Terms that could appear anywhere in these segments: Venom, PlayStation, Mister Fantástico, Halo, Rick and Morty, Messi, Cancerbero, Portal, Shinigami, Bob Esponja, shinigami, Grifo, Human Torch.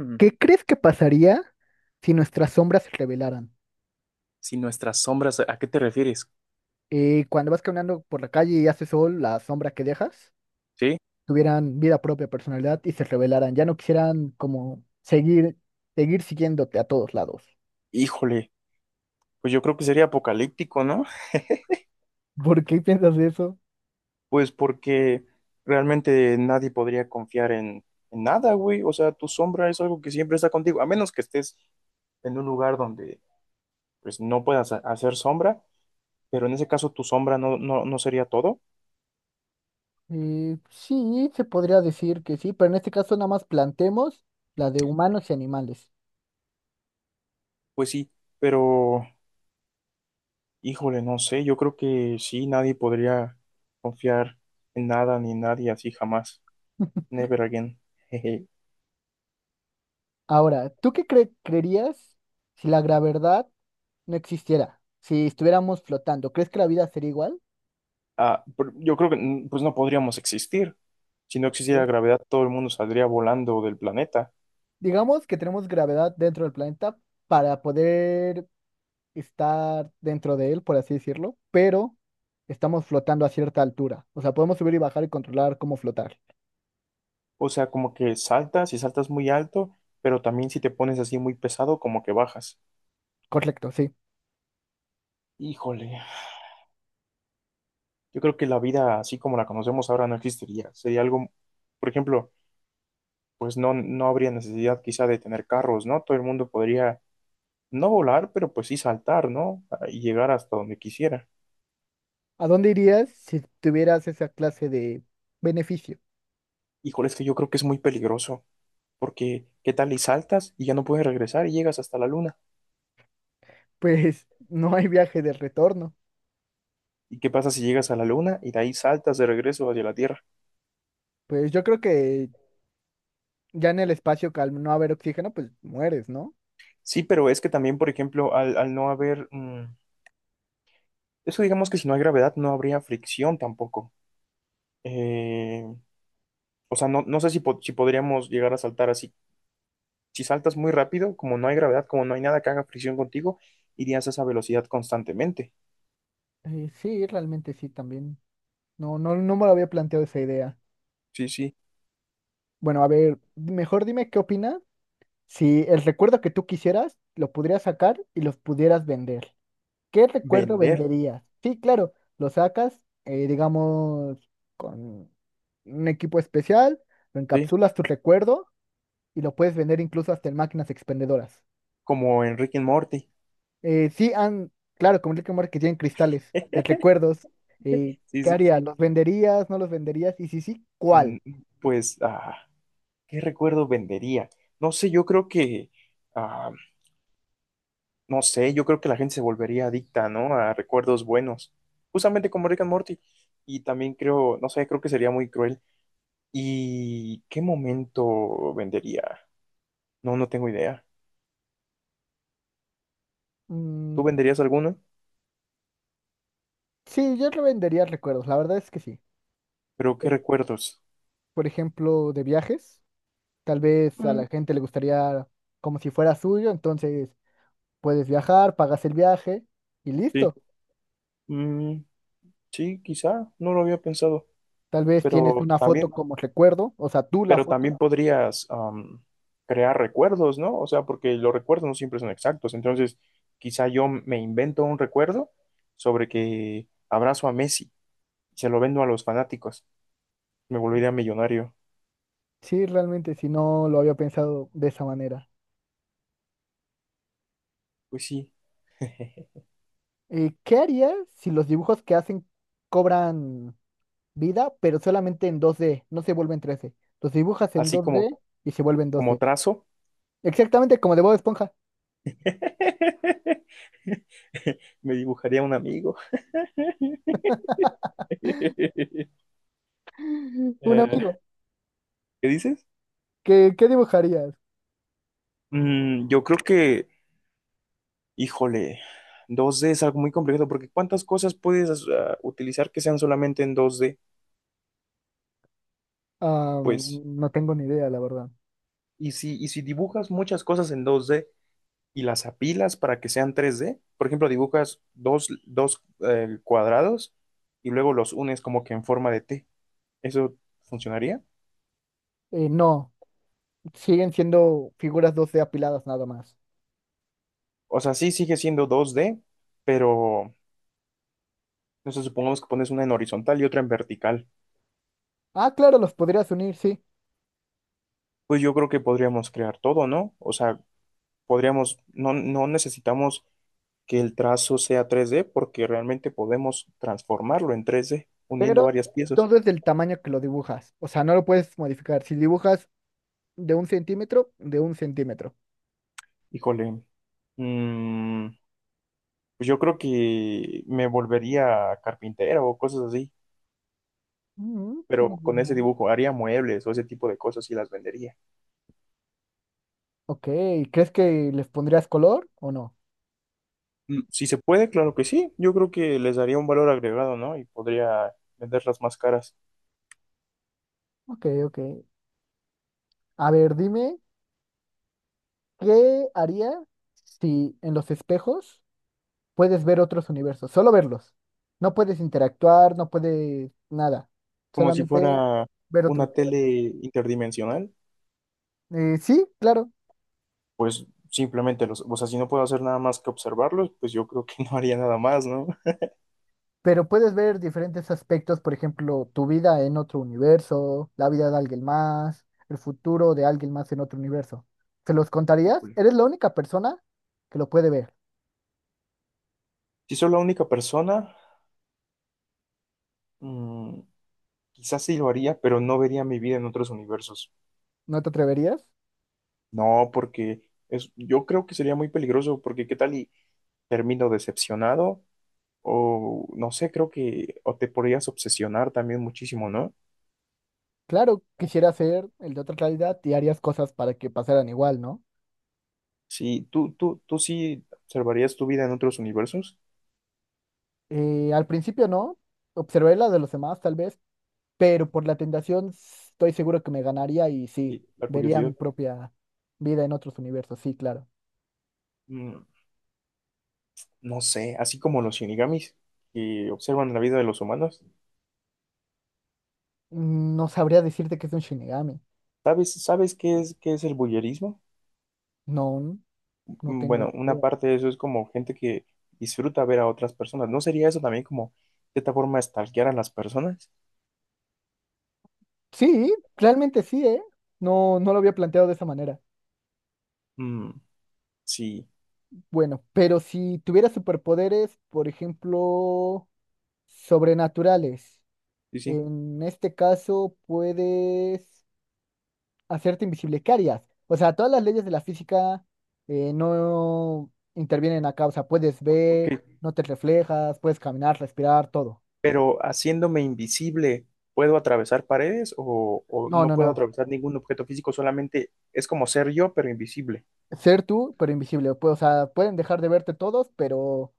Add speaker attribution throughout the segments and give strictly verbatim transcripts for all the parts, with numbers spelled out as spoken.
Speaker 1: Mm,
Speaker 2: ¿Qué crees que pasaría si nuestras sombras se revelaran?
Speaker 1: Si nuestras sombras, ¿a qué te refieres?
Speaker 2: Eh, cuando vas caminando por la calle y hace sol, la sombra que dejas
Speaker 1: ¿Sí?
Speaker 2: tuvieran vida propia, personalidad y se revelaran. Ya no quisieran como seguir, seguir siguiéndote a todos lados.
Speaker 1: Híjole, pues yo creo que sería apocalíptico, ¿no?
Speaker 2: ¿Por qué piensas de eso?
Speaker 1: Pues porque realmente nadie podría confiar en, en nada, güey. O sea, tu sombra es algo que siempre está contigo, a menos que estés en un lugar donde pues no puedas ha- hacer sombra, pero en ese caso tu sombra no, no, no sería todo.
Speaker 2: Eh, sí, se podría decir que sí, pero en este caso nada más planteemos la de humanos y animales.
Speaker 1: Pues sí, pero híjole, no sé, yo creo que sí, nadie podría confiar en nada ni nadie así jamás. Never again.
Speaker 2: Ahora, ¿tú qué cre- creerías si la gravedad no existiera? Si estuviéramos flotando, ¿crees que la vida sería igual?
Speaker 1: Ah, pero yo creo que mm, pues no podríamos existir. Si no
Speaker 2: ¿Por
Speaker 1: existiera
Speaker 2: qué?
Speaker 1: gravedad, todo el mundo saldría volando del planeta.
Speaker 2: Digamos que tenemos gravedad dentro del planeta para poder estar dentro de él, por así decirlo, pero estamos flotando a cierta altura. O sea, podemos subir y bajar y controlar cómo flotar.
Speaker 1: O sea, como que saltas y saltas muy alto, pero también si te pones así muy pesado, como que bajas.
Speaker 2: Correcto, sí.
Speaker 1: Híjole, yo creo que la vida así como la conocemos ahora no existiría. Sería algo, por ejemplo, pues no, no habría necesidad quizá de tener carros, ¿no? Todo el mundo podría no volar, pero pues sí saltar, ¿no? Ah, y llegar hasta donde quisiera.
Speaker 2: ¿A dónde irías si tuvieras esa clase de beneficio?
Speaker 1: Híjole, es que yo creo que es muy peligroso. Porque, ¿qué tal y saltas y ya no puedes regresar y llegas hasta la luna?
Speaker 2: Pues no hay viaje de retorno.
Speaker 1: ¿Y qué pasa si llegas a la luna y de ahí saltas de regreso hacia la Tierra?
Speaker 2: Pues yo creo que ya en el espacio, que al no haber oxígeno, pues mueres, ¿no?
Speaker 1: Sí, pero es que también, por ejemplo, al, al no haber... mm, eso digamos que si no hay gravedad no habría fricción tampoco. Eh, o sea, no, no sé si, po- si podríamos llegar a saltar así. Si saltas muy rápido, como no hay gravedad, como no hay nada que haga fricción contigo, irías a esa velocidad constantemente.
Speaker 2: Eh, sí, realmente sí, también. No, no, no me lo había planteado esa idea.
Speaker 1: Sí, sí.
Speaker 2: Bueno, a ver, mejor dime qué opinas. Si el recuerdo que tú quisieras, lo pudieras sacar y los pudieras vender. ¿Qué recuerdo
Speaker 1: Vender,
Speaker 2: venderías? Sí, claro, lo sacas, eh, digamos, con un equipo especial, lo
Speaker 1: sí.
Speaker 2: encapsulas tu recuerdo y lo puedes vender incluso hasta en máquinas expendedoras.
Speaker 1: Como en Rick and Morty.
Speaker 2: Eh, sí, han, claro, como Rick and Morty que tienen cristales de recuerdos. eh,
Speaker 1: Sí,
Speaker 2: ¿qué
Speaker 1: sí,
Speaker 2: harías?
Speaker 1: sí.
Speaker 2: ¿Los venderías? ¿No los venderías? Y si sí,
Speaker 1: Mm,
Speaker 2: ¿cuál?
Speaker 1: pues, ah. ¿Qué recuerdo vendería? No sé, yo creo que, ah, no sé, yo creo que la gente se volvería adicta, ¿no? A recuerdos buenos, justamente como Rick and Morty. Y también creo, no sé, creo que sería muy cruel. ¿Y qué momento vendería? No, no tengo idea.
Speaker 2: Mm,
Speaker 1: ¿Tú venderías alguno?
Speaker 2: sí, yo vendería recuerdos, la verdad es que sí.
Speaker 1: Pero ¿qué recuerdos?
Speaker 2: Por ejemplo, de viajes. Tal vez a
Speaker 1: Mm,
Speaker 2: la gente le gustaría como si fuera suyo, entonces puedes viajar, pagas el viaje y
Speaker 1: sí.
Speaker 2: listo.
Speaker 1: Mm, sí, quizá, no lo había pensado,
Speaker 2: Tal vez tienes
Speaker 1: pero
Speaker 2: una
Speaker 1: también
Speaker 2: foto como recuerdo, o sea, tú la
Speaker 1: pero también
Speaker 2: foto.
Speaker 1: podrías am, crear recuerdos, ¿no? O sea, porque los recuerdos no siempre son exactos. Entonces, quizá yo me invento un recuerdo sobre que abrazo a Messi y se lo vendo a los fanáticos. Me volvería millonario.
Speaker 2: Sí, realmente, si no lo había pensado de esa manera.
Speaker 1: Pues sí.
Speaker 2: Eh, ¿qué harías si los dibujos que hacen cobran vida, pero solamente en dos D, no se vuelven tres D? Los dibujas en
Speaker 1: Así como,
Speaker 2: dos D y se vuelven
Speaker 1: como
Speaker 2: dos D.
Speaker 1: trazo,
Speaker 2: Exactamente como de Bob Esponja.
Speaker 1: me dibujaría un amigo.
Speaker 2: Un
Speaker 1: Eh,
Speaker 2: amigo.
Speaker 1: ¿qué dices?
Speaker 2: ¿Qué, qué dibujarías?
Speaker 1: Mm, yo creo que híjole, dos d es algo muy complejo porque ¿cuántas cosas puedes ah, utilizar que sean solamente en dos d?
Speaker 2: Ah,
Speaker 1: Pues,
Speaker 2: mm, no tengo ni idea, la verdad.
Speaker 1: y si, y si dibujas muchas cosas en dos d y las apilas para que sean tres d, por ejemplo, dibujas dos, dos eh, cuadrados y luego los unes como que en forma de T, ¿eso funcionaría?
Speaker 2: Eh, no. Siguen siendo figuras dos d apiladas nada más.
Speaker 1: O sea, sí sigue siendo dos d, pero no sé, supongamos que pones una en horizontal y otra en vertical.
Speaker 2: Ah, claro, los podrías unir, sí,
Speaker 1: Pues yo creo que podríamos crear todo, ¿no? O sea, podríamos, no, no necesitamos que el trazo sea tres d porque realmente podemos transformarlo en tres d uniendo
Speaker 2: pero
Speaker 1: varias piezas.
Speaker 2: todo es del tamaño que lo dibujas. O sea, no lo puedes modificar. Si dibujas de un centímetro, de un centímetro.
Speaker 1: Híjole, mm, pues yo creo que me volvería carpintera o cosas así,
Speaker 2: Mm,
Speaker 1: pero
Speaker 2: muy
Speaker 1: con ese
Speaker 2: buena.
Speaker 1: dibujo haría muebles o ese tipo de cosas y las vendería.
Speaker 2: Ok, ¿crees que les pondrías color o no?
Speaker 1: Mm, Si se puede, claro que sí. Yo creo que les daría un valor agregado, ¿no? Y podría venderlas más caras,
Speaker 2: Ok, ok. A ver, dime, ¿qué haría si en los espejos puedes ver otros universos? Solo verlos. No puedes interactuar, no puedes nada.
Speaker 1: como si
Speaker 2: Solamente
Speaker 1: fuera
Speaker 2: ver otro
Speaker 1: una
Speaker 2: universo.
Speaker 1: tele interdimensional,
Speaker 2: Eh, sí, claro.
Speaker 1: pues simplemente los, o sea, si no puedo hacer nada más que observarlos, pues yo creo que no haría nada más, ¿no?
Speaker 2: Pero puedes ver diferentes aspectos, por ejemplo, tu vida en otro universo, la vida de alguien más, el futuro de alguien más en otro universo. ¿Se los contarías?
Speaker 1: Híjole.
Speaker 2: ¿Eres la única persona que lo puede ver?
Speaker 1: Si soy la única persona, mm, quizás sí lo haría, pero no vería mi vida en otros universos.
Speaker 2: ¿No te atreverías?
Speaker 1: No, porque es, yo creo que sería muy peligroso, porque qué tal y termino decepcionado, o no sé, creo que o te podrías obsesionar también muchísimo, ¿no?
Speaker 2: Claro, quisiera ser el de otra realidad y harías cosas para que pasaran igual, ¿no?
Speaker 1: Sí, tú, tú, tú sí observarías tu vida en otros universos.
Speaker 2: Eh, al principio no, observé las de los demás tal vez, pero por la tentación s- estoy seguro que me ganaría y sí,
Speaker 1: Sí, la
Speaker 2: vería mi
Speaker 1: curiosidad.
Speaker 2: propia vida en otros universos, sí, claro.
Speaker 1: Mm, no sé, así como los shinigamis que observan la vida de los humanos.
Speaker 2: Mm, No sabría decirte que es un Shinigami.
Speaker 1: ¿Sabes, sabes qué es, qué es el bullerismo?
Speaker 2: No, no
Speaker 1: mm,
Speaker 2: tengo ni
Speaker 1: bueno, una
Speaker 2: idea.
Speaker 1: parte de eso es como gente que disfruta ver a otras personas. ¿No sería eso también como de esta forma de stalkear a las personas?
Speaker 2: Sí, realmente sí, ¿eh? No, no lo había planteado de esa manera.
Speaker 1: Mm, sí,
Speaker 2: Bueno, pero si tuviera superpoderes, por ejemplo, sobrenaturales,
Speaker 1: sí, sí.
Speaker 2: en este caso puedes hacerte invisible. ¿Qué harías? O sea, todas las leyes de la física eh, no intervienen acá. O sea, puedes
Speaker 1: Ok,
Speaker 2: ver, no te reflejas, puedes caminar, respirar, todo.
Speaker 1: pero haciéndome invisible, ¿puedo atravesar paredes o, o
Speaker 2: No,
Speaker 1: no
Speaker 2: no,
Speaker 1: puedo
Speaker 2: no.
Speaker 1: atravesar ningún objeto físico? Solamente es como ser yo, pero invisible.
Speaker 2: Ser tú, pero invisible. Pues, o sea, pueden dejar de verte todos, pero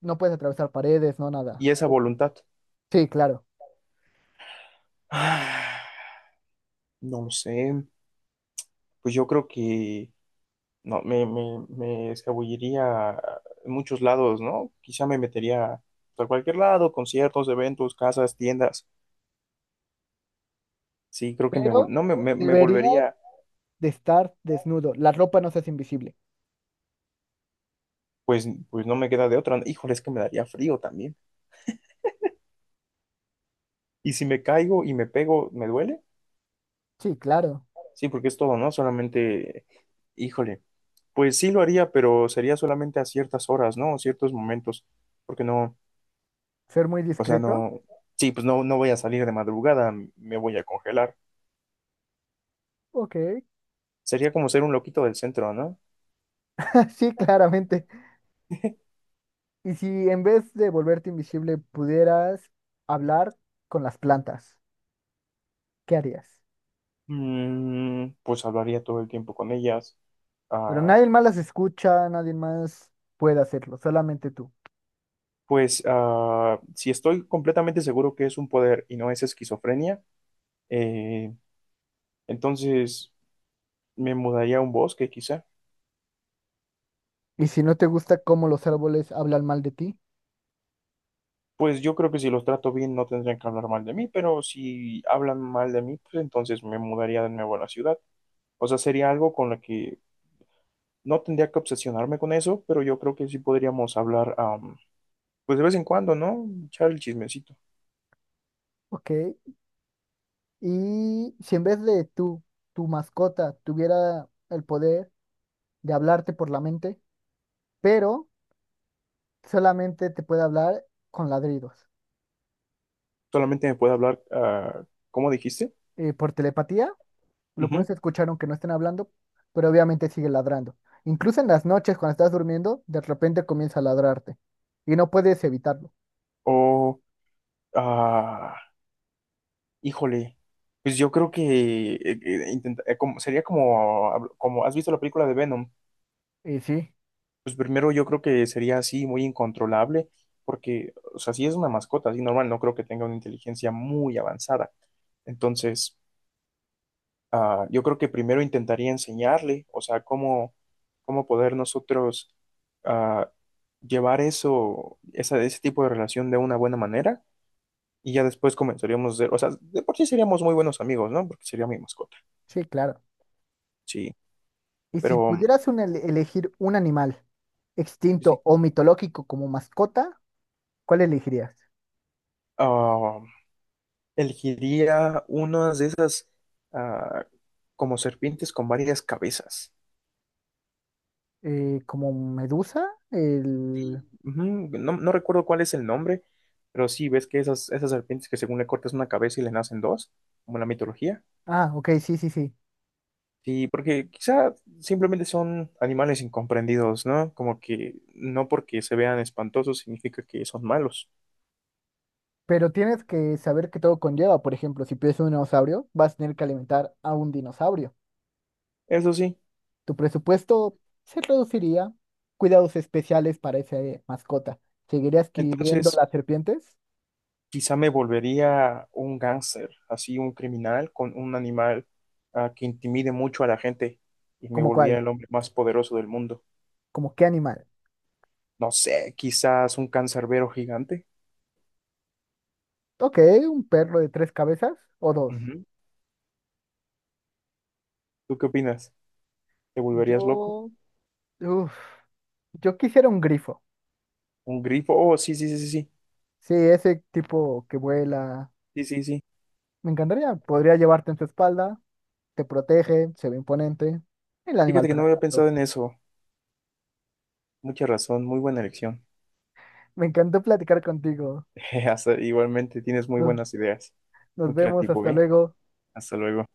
Speaker 2: no puedes atravesar paredes, no nada.
Speaker 1: Y esa voluntad.
Speaker 2: Sí, claro.
Speaker 1: Ah, no lo sé. Pues yo creo que no, me, me, me escabulliría en muchos lados, ¿no? Quizá me metería a cualquier lado, conciertos, eventos, casas, tiendas. Sí, creo que me, vol-
Speaker 2: Pero
Speaker 1: no, me, me, me
Speaker 2: debería
Speaker 1: volvería,
Speaker 2: de estar desnudo. La ropa no se hace invisible.
Speaker 1: pues, pues no me queda de otra, ¿no? Híjole, es que me daría frío también. Y si me caigo y me pego, ¿me duele?
Speaker 2: Sí, claro.
Speaker 1: Sí, porque es todo, ¿no? Solamente, híjole, pues sí lo haría, pero sería solamente a ciertas horas, ¿no? Ciertos momentos, porque no,
Speaker 2: Ser muy
Speaker 1: o sea,
Speaker 2: discreto.
Speaker 1: no, sí, pues no, no voy a salir de madrugada, me voy a congelar.
Speaker 2: Ok.
Speaker 1: Sería como ser un loquito del centro, ¿no?
Speaker 2: Sí, claramente. Y si en vez de volverte invisible pudieras hablar con las plantas, ¿qué harías?
Speaker 1: Mm, pues hablaría todo el tiempo con ellas.
Speaker 2: Pero
Speaker 1: Ah,
Speaker 2: nadie más las escucha, nadie más puede hacerlo, solamente tú.
Speaker 1: pues ah, si estoy completamente seguro que es un poder y no es esquizofrenia, eh, entonces me mudaría a un bosque quizá.
Speaker 2: Y si no te gusta cómo los árboles hablan mal de ti,
Speaker 1: Pues yo creo que si los trato bien no tendrían que hablar mal de mí, pero si hablan mal de mí, pues entonces me mudaría de nuevo a la ciudad. O sea, sería algo con lo que no tendría que obsesionarme con eso, pero yo creo que sí podríamos hablar, am, pues de vez en cuando, ¿no? Echar el chismecito.
Speaker 2: ok. Y si en vez de tú, tu mascota tuviera el poder de hablarte por la mente, pero solamente te puede hablar con ladridos.
Speaker 1: Solamente me puede hablar, ah, ¿cómo dijiste?
Speaker 2: Eh, por telepatía, lo
Speaker 1: Ujú.
Speaker 2: puedes escuchar aunque no estén hablando, pero obviamente sigue ladrando. Incluso en las noches, cuando estás durmiendo, de repente comienza a ladrarte y no puedes evitarlo.
Speaker 1: O, ah, híjole, pues yo creo que eh, eh, intenta- eh, como, sería como, habl- como, ¿has visto la película de Venom?
Speaker 2: Y sí,
Speaker 1: Pues primero yo creo que sería así, muy incontrolable, porque, o sea, si es una mascota, así normal, no creo que tenga una inteligencia muy avanzada. Entonces, ah, yo creo que primero intentaría enseñarle, o sea, cómo, cómo poder nosotros ah, llevar eso, esa, ese tipo de relación de una buena manera. Y ya después comenzaríamos a ser, o sea, de por sí seríamos muy buenos amigos, ¿no? Porque sería mi mascota,
Speaker 2: sí, claro.
Speaker 1: sí,
Speaker 2: Y si
Speaker 1: pero
Speaker 2: pudieras un ele- elegir un animal
Speaker 1: sí, sí,
Speaker 2: extinto o mitológico como mascota, ¿cuál elegirías?
Speaker 1: ah, elegiría unas de esas ah, como serpientes con varias cabezas.
Speaker 2: Eh, ¿como medusa? El...
Speaker 1: Ujú. No, no recuerdo cuál es el nombre, pero sí, ves que esas, esas serpientes que según le cortas una cabeza y le nacen dos, como en la mitología.
Speaker 2: Ah, ok, sí, sí, sí.
Speaker 1: Sí, porque quizá simplemente son animales incomprendidos, ¿no? Como que no porque se vean espantosos significa que son malos.
Speaker 2: Pero tienes que saber que todo conlleva. Por ejemplo, si pides un dinosaurio, vas a tener que alimentar a un dinosaurio.
Speaker 1: Eso sí.
Speaker 2: Tu presupuesto se reduciría. Cuidados especiales para esa eh, mascota. ¿Seguirías adquiriendo
Speaker 1: Entonces,
Speaker 2: las serpientes?
Speaker 1: quizá me volvería un gángster, así un criminal con un animal ah, que intimide mucho a la gente y me
Speaker 2: ¿Como cuál?
Speaker 1: volviera el hombre más poderoso del mundo.
Speaker 2: ¿Como qué animal?
Speaker 1: No sé, quizás un cancerbero gigante.
Speaker 2: Ok, un perro de tres cabezas o dos.
Speaker 1: Ujú. ¿Tú qué opinas? ¿Te volverías loco?
Speaker 2: Yo, uf, yo quisiera un grifo.
Speaker 1: ¿Un grifo? Oh, sí, sí, sí, sí, sí,
Speaker 2: Sí, ese tipo que vuela.
Speaker 1: sí, sí, sí.
Speaker 2: Me encantaría. Podría llevarte en su espalda, te protege, se ve imponente. El
Speaker 1: Fíjate
Speaker 2: animal
Speaker 1: que no había pensado
Speaker 2: perfecto.
Speaker 1: en eso. Mucha razón, muy buena elección.
Speaker 2: Me encantó platicar contigo.
Speaker 1: Hasta- igualmente tienes muy
Speaker 2: Nos,
Speaker 1: buenas ideas.
Speaker 2: nos
Speaker 1: Muy
Speaker 2: vemos,
Speaker 1: creativo,
Speaker 2: hasta
Speaker 1: ¿eh?
Speaker 2: luego.
Speaker 1: Hasta luego.